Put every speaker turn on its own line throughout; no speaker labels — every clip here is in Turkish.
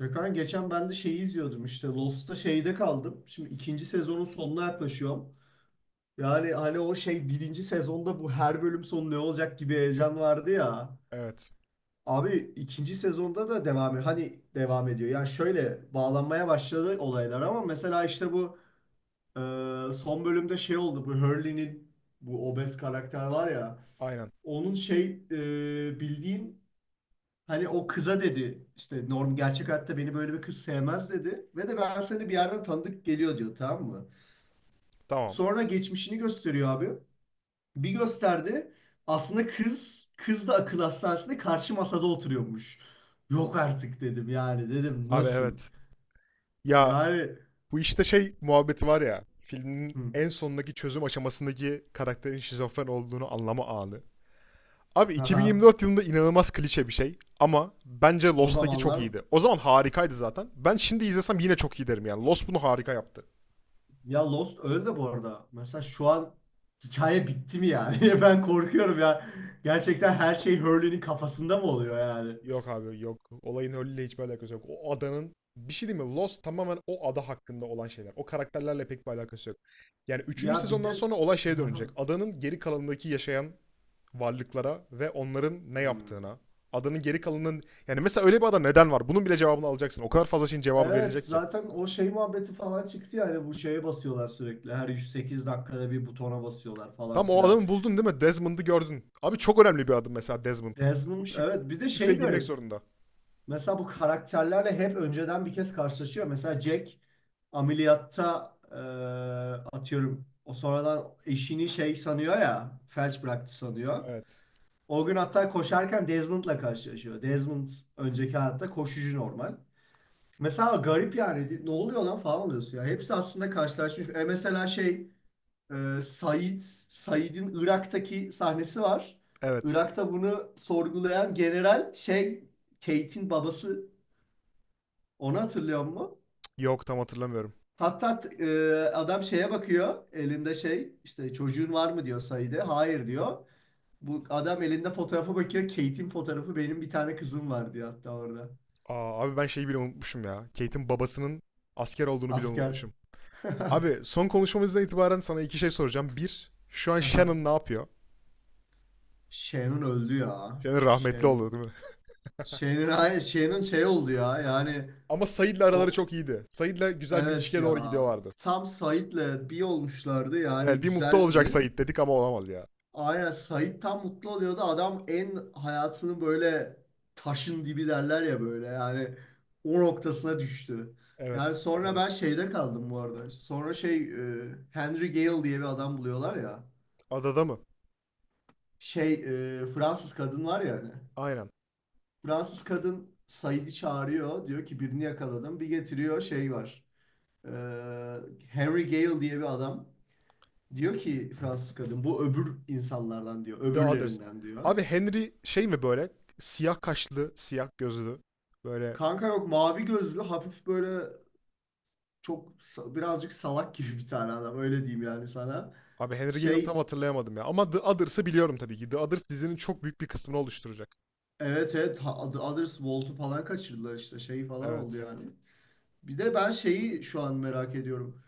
Gökhan geçen ben de şeyi izliyordum işte Lost'ta şeyde kaldım. Şimdi ikinci sezonun sonuna yaklaşıyorum. Yani hani o şey, birinci sezonda bu her bölüm sonu ne olacak gibi heyecan vardı ya.
Evet.
Abi ikinci sezonda da hani devam ediyor. Yani şöyle bağlanmaya başladı olaylar, ama mesela işte bu son bölümde şey oldu, bu Hurley'nin, bu obez karakter var ya.
Aynen.
Onun şey, bildiğin. Hani o kıza dedi işte, norm gerçek hayatta beni böyle bir kız sevmez dedi. Ve de ben seni bir yerden tanıdık geliyor diyor, tamam mı?
Tamam.
Sonra geçmişini gösteriyor abi. Bir gösterdi. Aslında kız, kız da akıl hastanesinde karşı masada oturuyormuş. Yok artık dedim, yani dedim
Abi
nasıl?
evet. Ya
Yani,
bu işte şey muhabbeti var ya. Filmin
hı,
en sondaki çözüm aşamasındaki karakterin şizofren olduğunu anlama anı. Abi
aha,
2024 yılında inanılmaz klişe bir şey ama bence
o
Lost'taki çok
zamanlar.
iyiydi. O zaman harikaydı zaten. Ben şimdi izlesem yine çok iyi derim yani. Lost bunu harika yaptı.
Ya Lost öyle de bu arada. Mesela şu an hikaye bitti mi yani? Ben korkuyorum ya. Gerçekten her şey Hurley'nin kafasında mı oluyor yani?
Yok abi yok. Olayın öyle hiçbir alakası yok. O adanın bir şey değil mi? Lost tamamen o ada hakkında olan şeyler. O karakterlerle pek bir alakası yok. Yani üçüncü
Ya bir de.
sezondan sonra olay şeye
Hı
dönecek.
hı.
Adanın geri kalanındaki yaşayan varlıklara ve onların ne
Hmm.
yaptığına. Adanın geri kalanının yani mesela öyle bir ada neden var? Bunun bile cevabını alacaksın. O kadar fazla şeyin cevabı
Evet,
verilecek ki.
zaten o şey muhabbeti falan çıktı, yani bu şeye basıyorlar sürekli. Her 108 dakikada bir butona basıyorlar falan
Tam o
filan.
adamı buldun değil mi? Desmond'ı gördün. Abi çok önemli bir adım mesela Desmond. Bu
Desmond,
şif-
evet, bir de şey
Şifreye girmek
garip.
zorunda.
Mesela bu karakterlerle hep önceden bir kez karşılaşıyor. Mesela Jack ameliyatta, atıyorum, o sonradan eşini şey sanıyor ya, felç bıraktı sanıyor.
Evet.
O gün hatta koşarken Desmond'la karşılaşıyor. Desmond önceki hayatta koşucu, normal. Mesela garip yani, ne oluyor lan falan oluyorsun ya. Hepsi aslında karşılaşmış. Mesela şey, e, Said, Said'in Irak'taki sahnesi var.
Evet.
Irak'ta bunu sorgulayan general şey, Kate'in babası, onu hatırlıyor musun?
Yok tam hatırlamıyorum.
Hatta adam şeye bakıyor, elinde şey, işte çocuğun var mı diyor Said'e. Hayır diyor. Bu adam elinde fotoğrafa bakıyor, Kate'in fotoğrafı, benim bir tane kızım var diyor hatta orada.
Aa, abi ben şeyi bile unutmuşum ya. Kate'in babasının asker olduğunu bile
Asker.
unutmuşum. Abi son konuşmamızdan itibaren sana iki şey soracağım. Bir, şu an
Aha.
Shannon ne yapıyor?
Sharon öldü ya.
Shannon rahmetli oldu
Sharon.
değil mi?
Şey'nin şeyinin şey oldu ya yani.
Ama Said'le araları
O,
çok iyiydi. Said'le güzel bir
evet
ilişkiye doğru
ya,
gidiyorlardı.
tam Sait'le bir olmuşlardı,
Evet,
yani
bir mutlu olacak
güzeldi.
Sait dedik ama olamadı ya.
Aynen, Sait tam mutlu oluyordu, adam en hayatının böyle, taşın dibi derler ya böyle, yani o noktasına düştü.
Evet,
Yani sonra
evet.
ben şeyde kaldım bu arada. Sonra şey, Henry Gale diye bir adam buluyorlar ya.
Adada mı?
Şey, Fransız kadın var ya hani.
Aynen.
Fransız kadın Sait'i çağırıyor, diyor ki birini yakaladım, bir getiriyor, şey var. Ee, Henry Gale diye bir adam, diyor ki Fransız kadın, bu öbür insanlardan diyor,
The Others.
öbürlerinden diyor.
Abi Henry şey mi böyle? Siyah kaşlı, siyah gözlü. Böyle.
Kanka yok, mavi gözlü, hafif böyle çok birazcık salak gibi bir tane adam, öyle diyeyim yani sana.
Abi Henry Gale'ı tam
Şey,
hatırlayamadım ya. Ama The Others'ı biliyorum tabii ki. The Others dizinin çok büyük bir kısmını oluşturacak.
evet evet, Others Volt'u falan kaçırdılar işte, şey falan oldu
Evet.
yani. Bir de ben şeyi şu an merak ediyorum.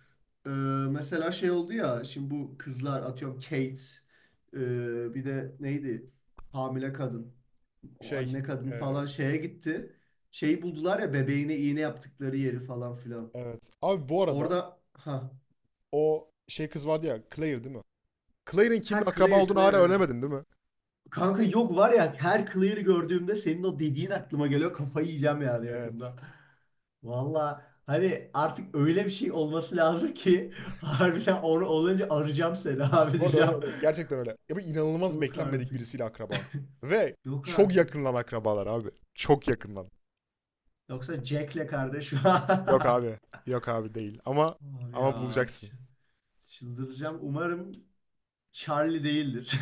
Ee, mesela şey oldu ya, şimdi bu kızlar, atıyorum Kate, bir de neydi, hamile kadın. O
Şey.
anne kadın
e,
falan şeye gitti. Şeyi buldular ya, bebeğine iğne yaptıkları yeri falan filan.
evet. Abi bu arada
Orada, ha,
o şey kız vardı ya. Claire değil mi? Claire'in kimin
ha
akraba
Claire
olduğunu hala
Claire, evet.
öğrenemedin değil mi?
Kanka, yok var ya, her Claire'ı gördüğümde senin o dediğin aklıma geliyor. Kafayı yiyeceğim yani
Evet.
yakında. Valla hani artık öyle bir şey olması lazım ki harbiden, onu olunca arayacağım seni abi
Orada
diyeceğim.
öyle öyle. Gerçekten öyle. Ya bu inanılmaz
Yok
beklenmedik
artık.
birisiyle akraba. Ve
Yok
çok
artık.
yakınlan akrabalar abi. Çok yakınlan.
Yoksa Jack'le kardeş.
Yok abi. Yok abi değil. Ama
Abi ya,
ama bulacaksın.
ç- çıldıracağım. Umarım Charlie değildir.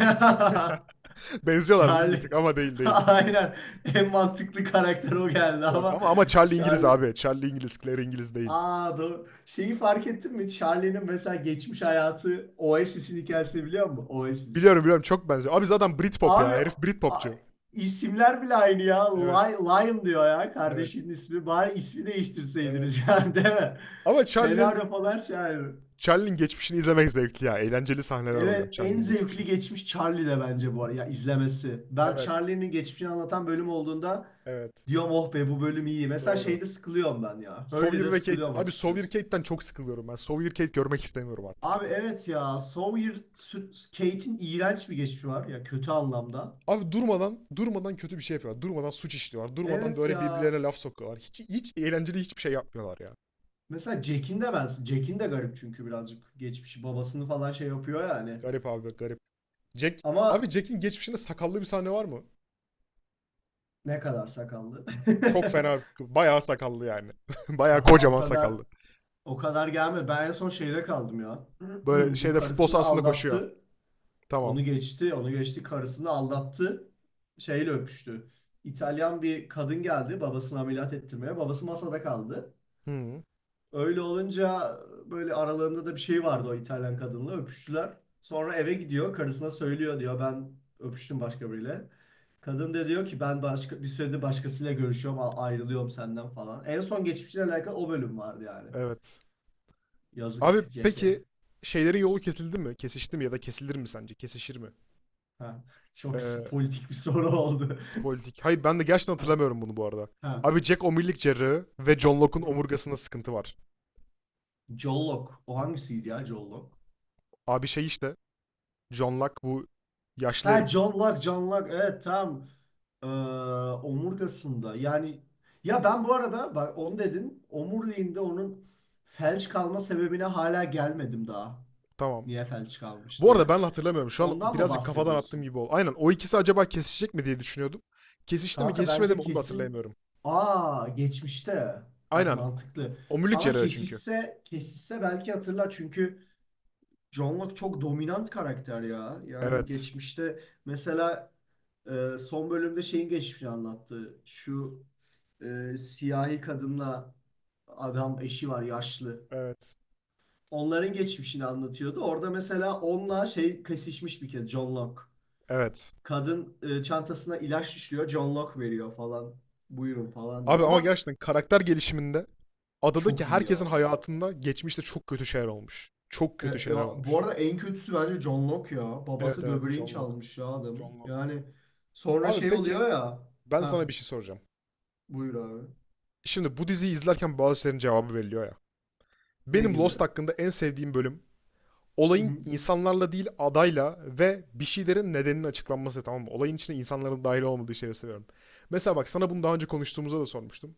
Benziyorlar değil mi bir
Charlie.
tık ama değil değil.
Aynen. En mantıklı karakter o geldi
Yok.
ama.
Ama Charlie İngiliz
Charlie.
abi. Charlie İngiliz, Claire İngiliz değil.
Aa, doğru. Şeyi fark ettin mi? Charlie'nin mesela geçmiş hayatı, Oasis'in hikayesini biliyor musun?
Biliyorum
Oasis.
biliyorum çok benziyor. Abi zaten Britpop
Abi,
ya. Herif
a-
Britpopçu.
isimler bile aynı ya.
Evet.
Liam diyor ya
Evet.
kardeşinin ismi. Bari ismi
Evet.
değiştirseydiniz yani, değil mi?
Ama Charlie'nin
Senaryo falan şey.
Charlie'nin geçmişini izlemek zevkli ya. Eğlenceli sahneler oluyor
Evet, en
Charlie'nin geçmişi.
zevkli geçmiş Charlie de bence, bu arada ya, izlemesi. Ben
Evet.
Charlie'nin geçmişini anlatan bölüm olduğunda
Evet.
diyorum, oh be, bu bölüm iyi. Mesela
Doğru.
şeyde sıkılıyorum ben ya,
Sawyer
Hurley'de sıkılıyorum
Abi
açıkçası.
Sawyer çok sıkılıyorum ben. Sawyer görmek istemiyorum artık
Abi
ya.
evet ya, Sawyer, Kate'in iğrenç bir geçmişi var ya, kötü anlamda.
Abi durmadan durmadan kötü bir şey yapıyorlar. Durmadan suç işliyorlar. Durmadan
Evet
böyle
ya.
birbirlerine laf sokuyorlar. Hiç hiç eğlenceli hiçbir şey yapmıyorlar ya.
Mesela Jack'in de garip, çünkü birazcık geçmişi, babasını falan şey yapıyor yani.
Garip abi garip. Jack Abi
Ama
Jack'in geçmişinde sakallı bir sahne var mı?
ne kadar sakallı.
Çok fena bayağı sakallı yani. bayağı
Daha o
kocaman
kadar
sakallı.
O kadar gelmedi. Ben en son şeyde kaldım ya.
Böyle
Bu
şeyde futbol
karısını
sahasında koşuyor.
aldattı.
Tamam.
Onu geçti. Onu geçti. Karısını aldattı. Şeyle öpüştü. İtalyan bir kadın geldi babasını ameliyat ettirmeye. Babası masada kaldı.
Hı,
Öyle olunca, böyle aralarında da bir şey vardı o İtalyan kadınla. Öpüştüler. Sonra eve gidiyor. Karısına söylüyor, diyor ben öpüştüm başka biriyle. Kadın da diyor ki ben başka bir süredir başkasıyla görüşüyorum, ayrılıyorum senden falan. En son geçmişle alakalı o bölüm vardı yani.
evet.
Yazık,
Abi
CK.
peki şeylerin yolu kesildi mi? Kesişti mi ya da kesilir mi sence? Kesişir mi?
Ha, çok
Ee,
politik bir soru oldu.
Politik. Hayır ben de gerçekten
Ha.
hatırlamıyorum bunu bu arada.
Ha.
Abi Jack omurilik cerrahı ve John
Hı
Locke'un
hı.
omurgasında sıkıntı var.
John Locke. O hangisiydi ya, John Locke?
Abi şey işte John Locke bu yaşlı
Ha,
herif.
John Locke, John Locke. Evet, tam. Ee, omurgasında. Yani, ya ben bu arada, bak onu dedin. Omuriliğinde, onun felç kalma sebebine hala gelmedim daha.
Tamam.
Niye felç kalmış
Bu arada
diye.
ben de hatırlamıyorum. Şu an
Ondan mı
birazcık kafadan attığım
bahsediyorsun?
gibi oldu. Aynen o ikisi acaba kesişecek mi diye düşünüyordum. Kesişti mi
Kanka
kesişmedi
bence
mi onu da
kesin,
hatırlayamıyorum.
aa, geçmişte. Bak,
Aynen.
mantıklı.
Omurilik
Ama
cerrahı çünkü.
kesişse kesişse belki hatırlar, çünkü John Locke çok dominant karakter ya. Yani
Evet.
geçmişte mesela, son bölümde şeyin geçmişini anlattı. Şu siyahi kadınla adam, eşi var yaşlı.
Evet.
Onların geçmişini anlatıyordu. Orada mesela onunla şey kesişmiş bir kez, John Locke.
Evet.
Kadın, çantasına ilaç düşüyor, John Locke veriyor falan. Buyurun falan diyor.
Abi ama
Ama
gerçekten karakter gelişiminde adadaki
çok iyi ya.
herkesin hayatında geçmişte çok kötü şeyler olmuş. Çok
E,
kötü şeyler
ya, bu
olmuş.
arada en kötüsü bence John Locke ya.
Evet
Babası
evet
böbreğini
John Locke.
çalmış ya adam.
John Locke.
Yani sonra
Abi
şey
peki
oluyor ya.
ben sana
Ha,
bir şey soracağım.
buyur abi.
Şimdi bu diziyi izlerken bazı şeylerin cevabı veriliyor ya.
Ne
Benim
gibi?
Lost hakkında en sevdiğim bölüm
Hı
olayın
hı.
insanlarla değil adayla ve bir şeylerin nedeninin açıklanması tamam mı? Olayın içine insanların dahil olmadığı şeyleri seviyorum. Mesela bak sana bunu daha önce konuştuğumuzda da sormuştum.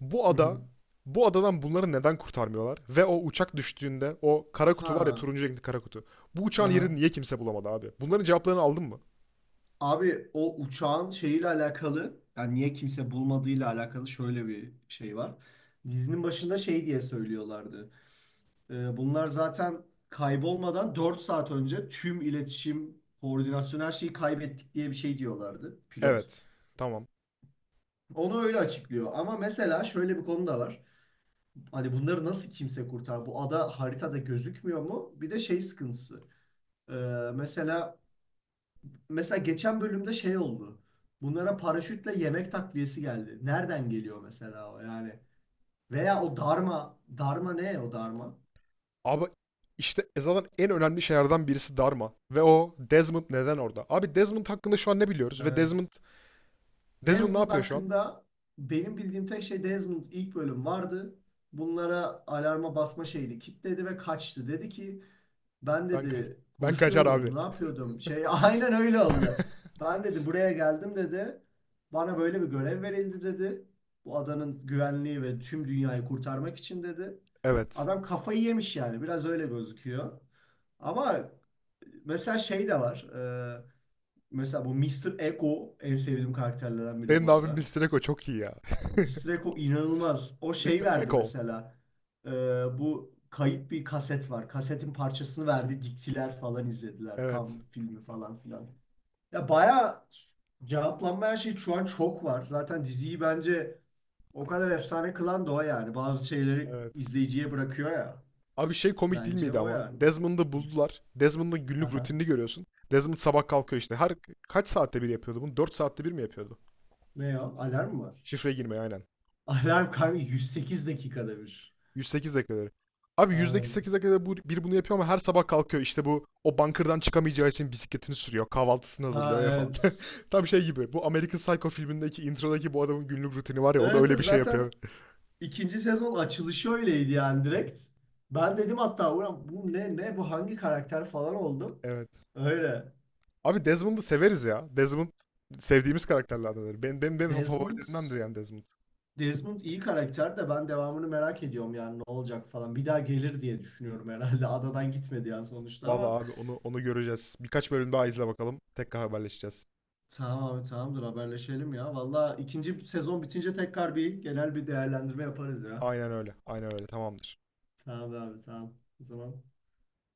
Bu
Hı
ada
hı.
bu adadan bunları neden kurtarmıyorlar? Ve o uçak düştüğünde o kara kutu var ya
Ha.
turuncu renkli kara kutu. Bu uçağın yerini
Aha.
niye kimse bulamadı abi? Bunların cevaplarını aldın mı?
Abi, o uçağın şeyiyle alakalı, yani niye kimse bulmadığıyla alakalı şöyle bir şey var. Dizinin başında şey diye söylüyorlardı. E, bunlar zaten kaybolmadan 4 saat önce tüm iletişim, koordinasyon, her şeyi kaybettik diye bir şey diyorlardı pilot.
Evet. Tamam.
Onu öyle açıklıyor. Ama mesela şöyle bir konu da var. Hani bunları nasıl kimse kurtar? Bu ada haritada gözükmüyor mu? Bir de şey sıkıntısı. Ee, mesela mesela geçen bölümde şey oldu. Bunlara paraşütle yemek takviyesi geldi. Nereden geliyor mesela o yani? Veya o darma. Darma ne, o darma?
Abi işte Eza'nın en önemli şeylerden birisi Dharma. Ve o Desmond neden orada? Abi Desmond hakkında şu an ne biliyoruz? Ve Desmond
Evet.
Desmond ne
Desmond
yapıyor şu an?
hakkında benim bildiğim tek şey, Desmond ilk bölüm vardı. Bunlara alarma basma şeyini kilitledi ve kaçtı. Dedi ki, ben
Ben ka-
dedi
ben kaçar abi.
koşuyordum, ne yapıyordum? Şey, aynen öyle oldu. Ben dedi buraya geldim dedi. Bana böyle bir görev verildi dedi. Bu adanın güvenliği ve tüm dünyayı kurtarmak için dedi.
Evet.
Adam kafayı yemiş yani, biraz öyle gözüküyor. Ama mesela şey de var. Mesela bu Mister Ego en sevdiğim karakterlerden biri
Benim de
bu
abim
arada.
Mr. Echo çok iyi ya.
Mistreko inanılmaz. O şey
Mr.
verdi
Echo.
mesela. Ee, bu kayıp bir kaset var. Kasetin parçasını verdi. Diktiler falan izlediler.
Evet.
Tam filmi falan filan. Ya bayağı cevaplanmayan şey şu an çok var. Zaten diziyi bence o kadar efsane kılan da o yani. Bazı şeyleri
Evet.
izleyiciye bırakıyor ya.
Abi şey komik değil
Bence
miydi
o
ama?
yani.
Desmond'ı
Hı.
buldular. Desmond'ın günlük
Aha.
rutinini görüyorsun. Desmond sabah kalkıyor işte. Her kaç saatte bir yapıyordu bunu? 4 saatte bir mi yapıyordu?
Ne ya? Alarm mı var?
Şifre girmeyi aynen.
Alarm kanka 108 dakikada bir.
108 dakikaları. Abi yüzdeki
Aynen.
8 dakikada bu, biri bunu yapıyor ama her sabah kalkıyor. İşte bu o bunkerdan çıkamayacağı için bisikletini sürüyor. Kahvaltısını
Ha,
hazırlıyor ya falan.
evet.
Tam şey gibi. Bu American Psycho filmindeki introdaki bu adamın günlük rutini var ya o da
Evet
öyle
evet,
bir şey
zaten
yapıyor.
İkinci sezon açılışı öyleydi yani, direkt. Ben dedim hatta, ulan bu ne, ne bu, hangi karakter falan oldum.
Evet.
Öyle.
Abi Desmond'u severiz ya. Desmond sevdiğimiz karakterlerdendir. Benim
Desmond
favorilerimdendir yani Desmond.
Desmond iyi karakter de, ben devamını merak ediyorum yani, ne olacak falan. Bir daha gelir diye düşünüyorum herhalde. Adadan gitmedi yani sonuçta, ama
Vallahi abi onu göreceğiz. Birkaç bölüm daha izle bakalım. Tekrar haberleşeceğiz.
tamam abi, tamamdır, haberleşelim ya. Valla ikinci sezon bitince tekrar bir genel bir değerlendirme yaparız ya.
Aynen öyle. Aynen öyle. Tamamdır.
Tamam abi, tamam. O zaman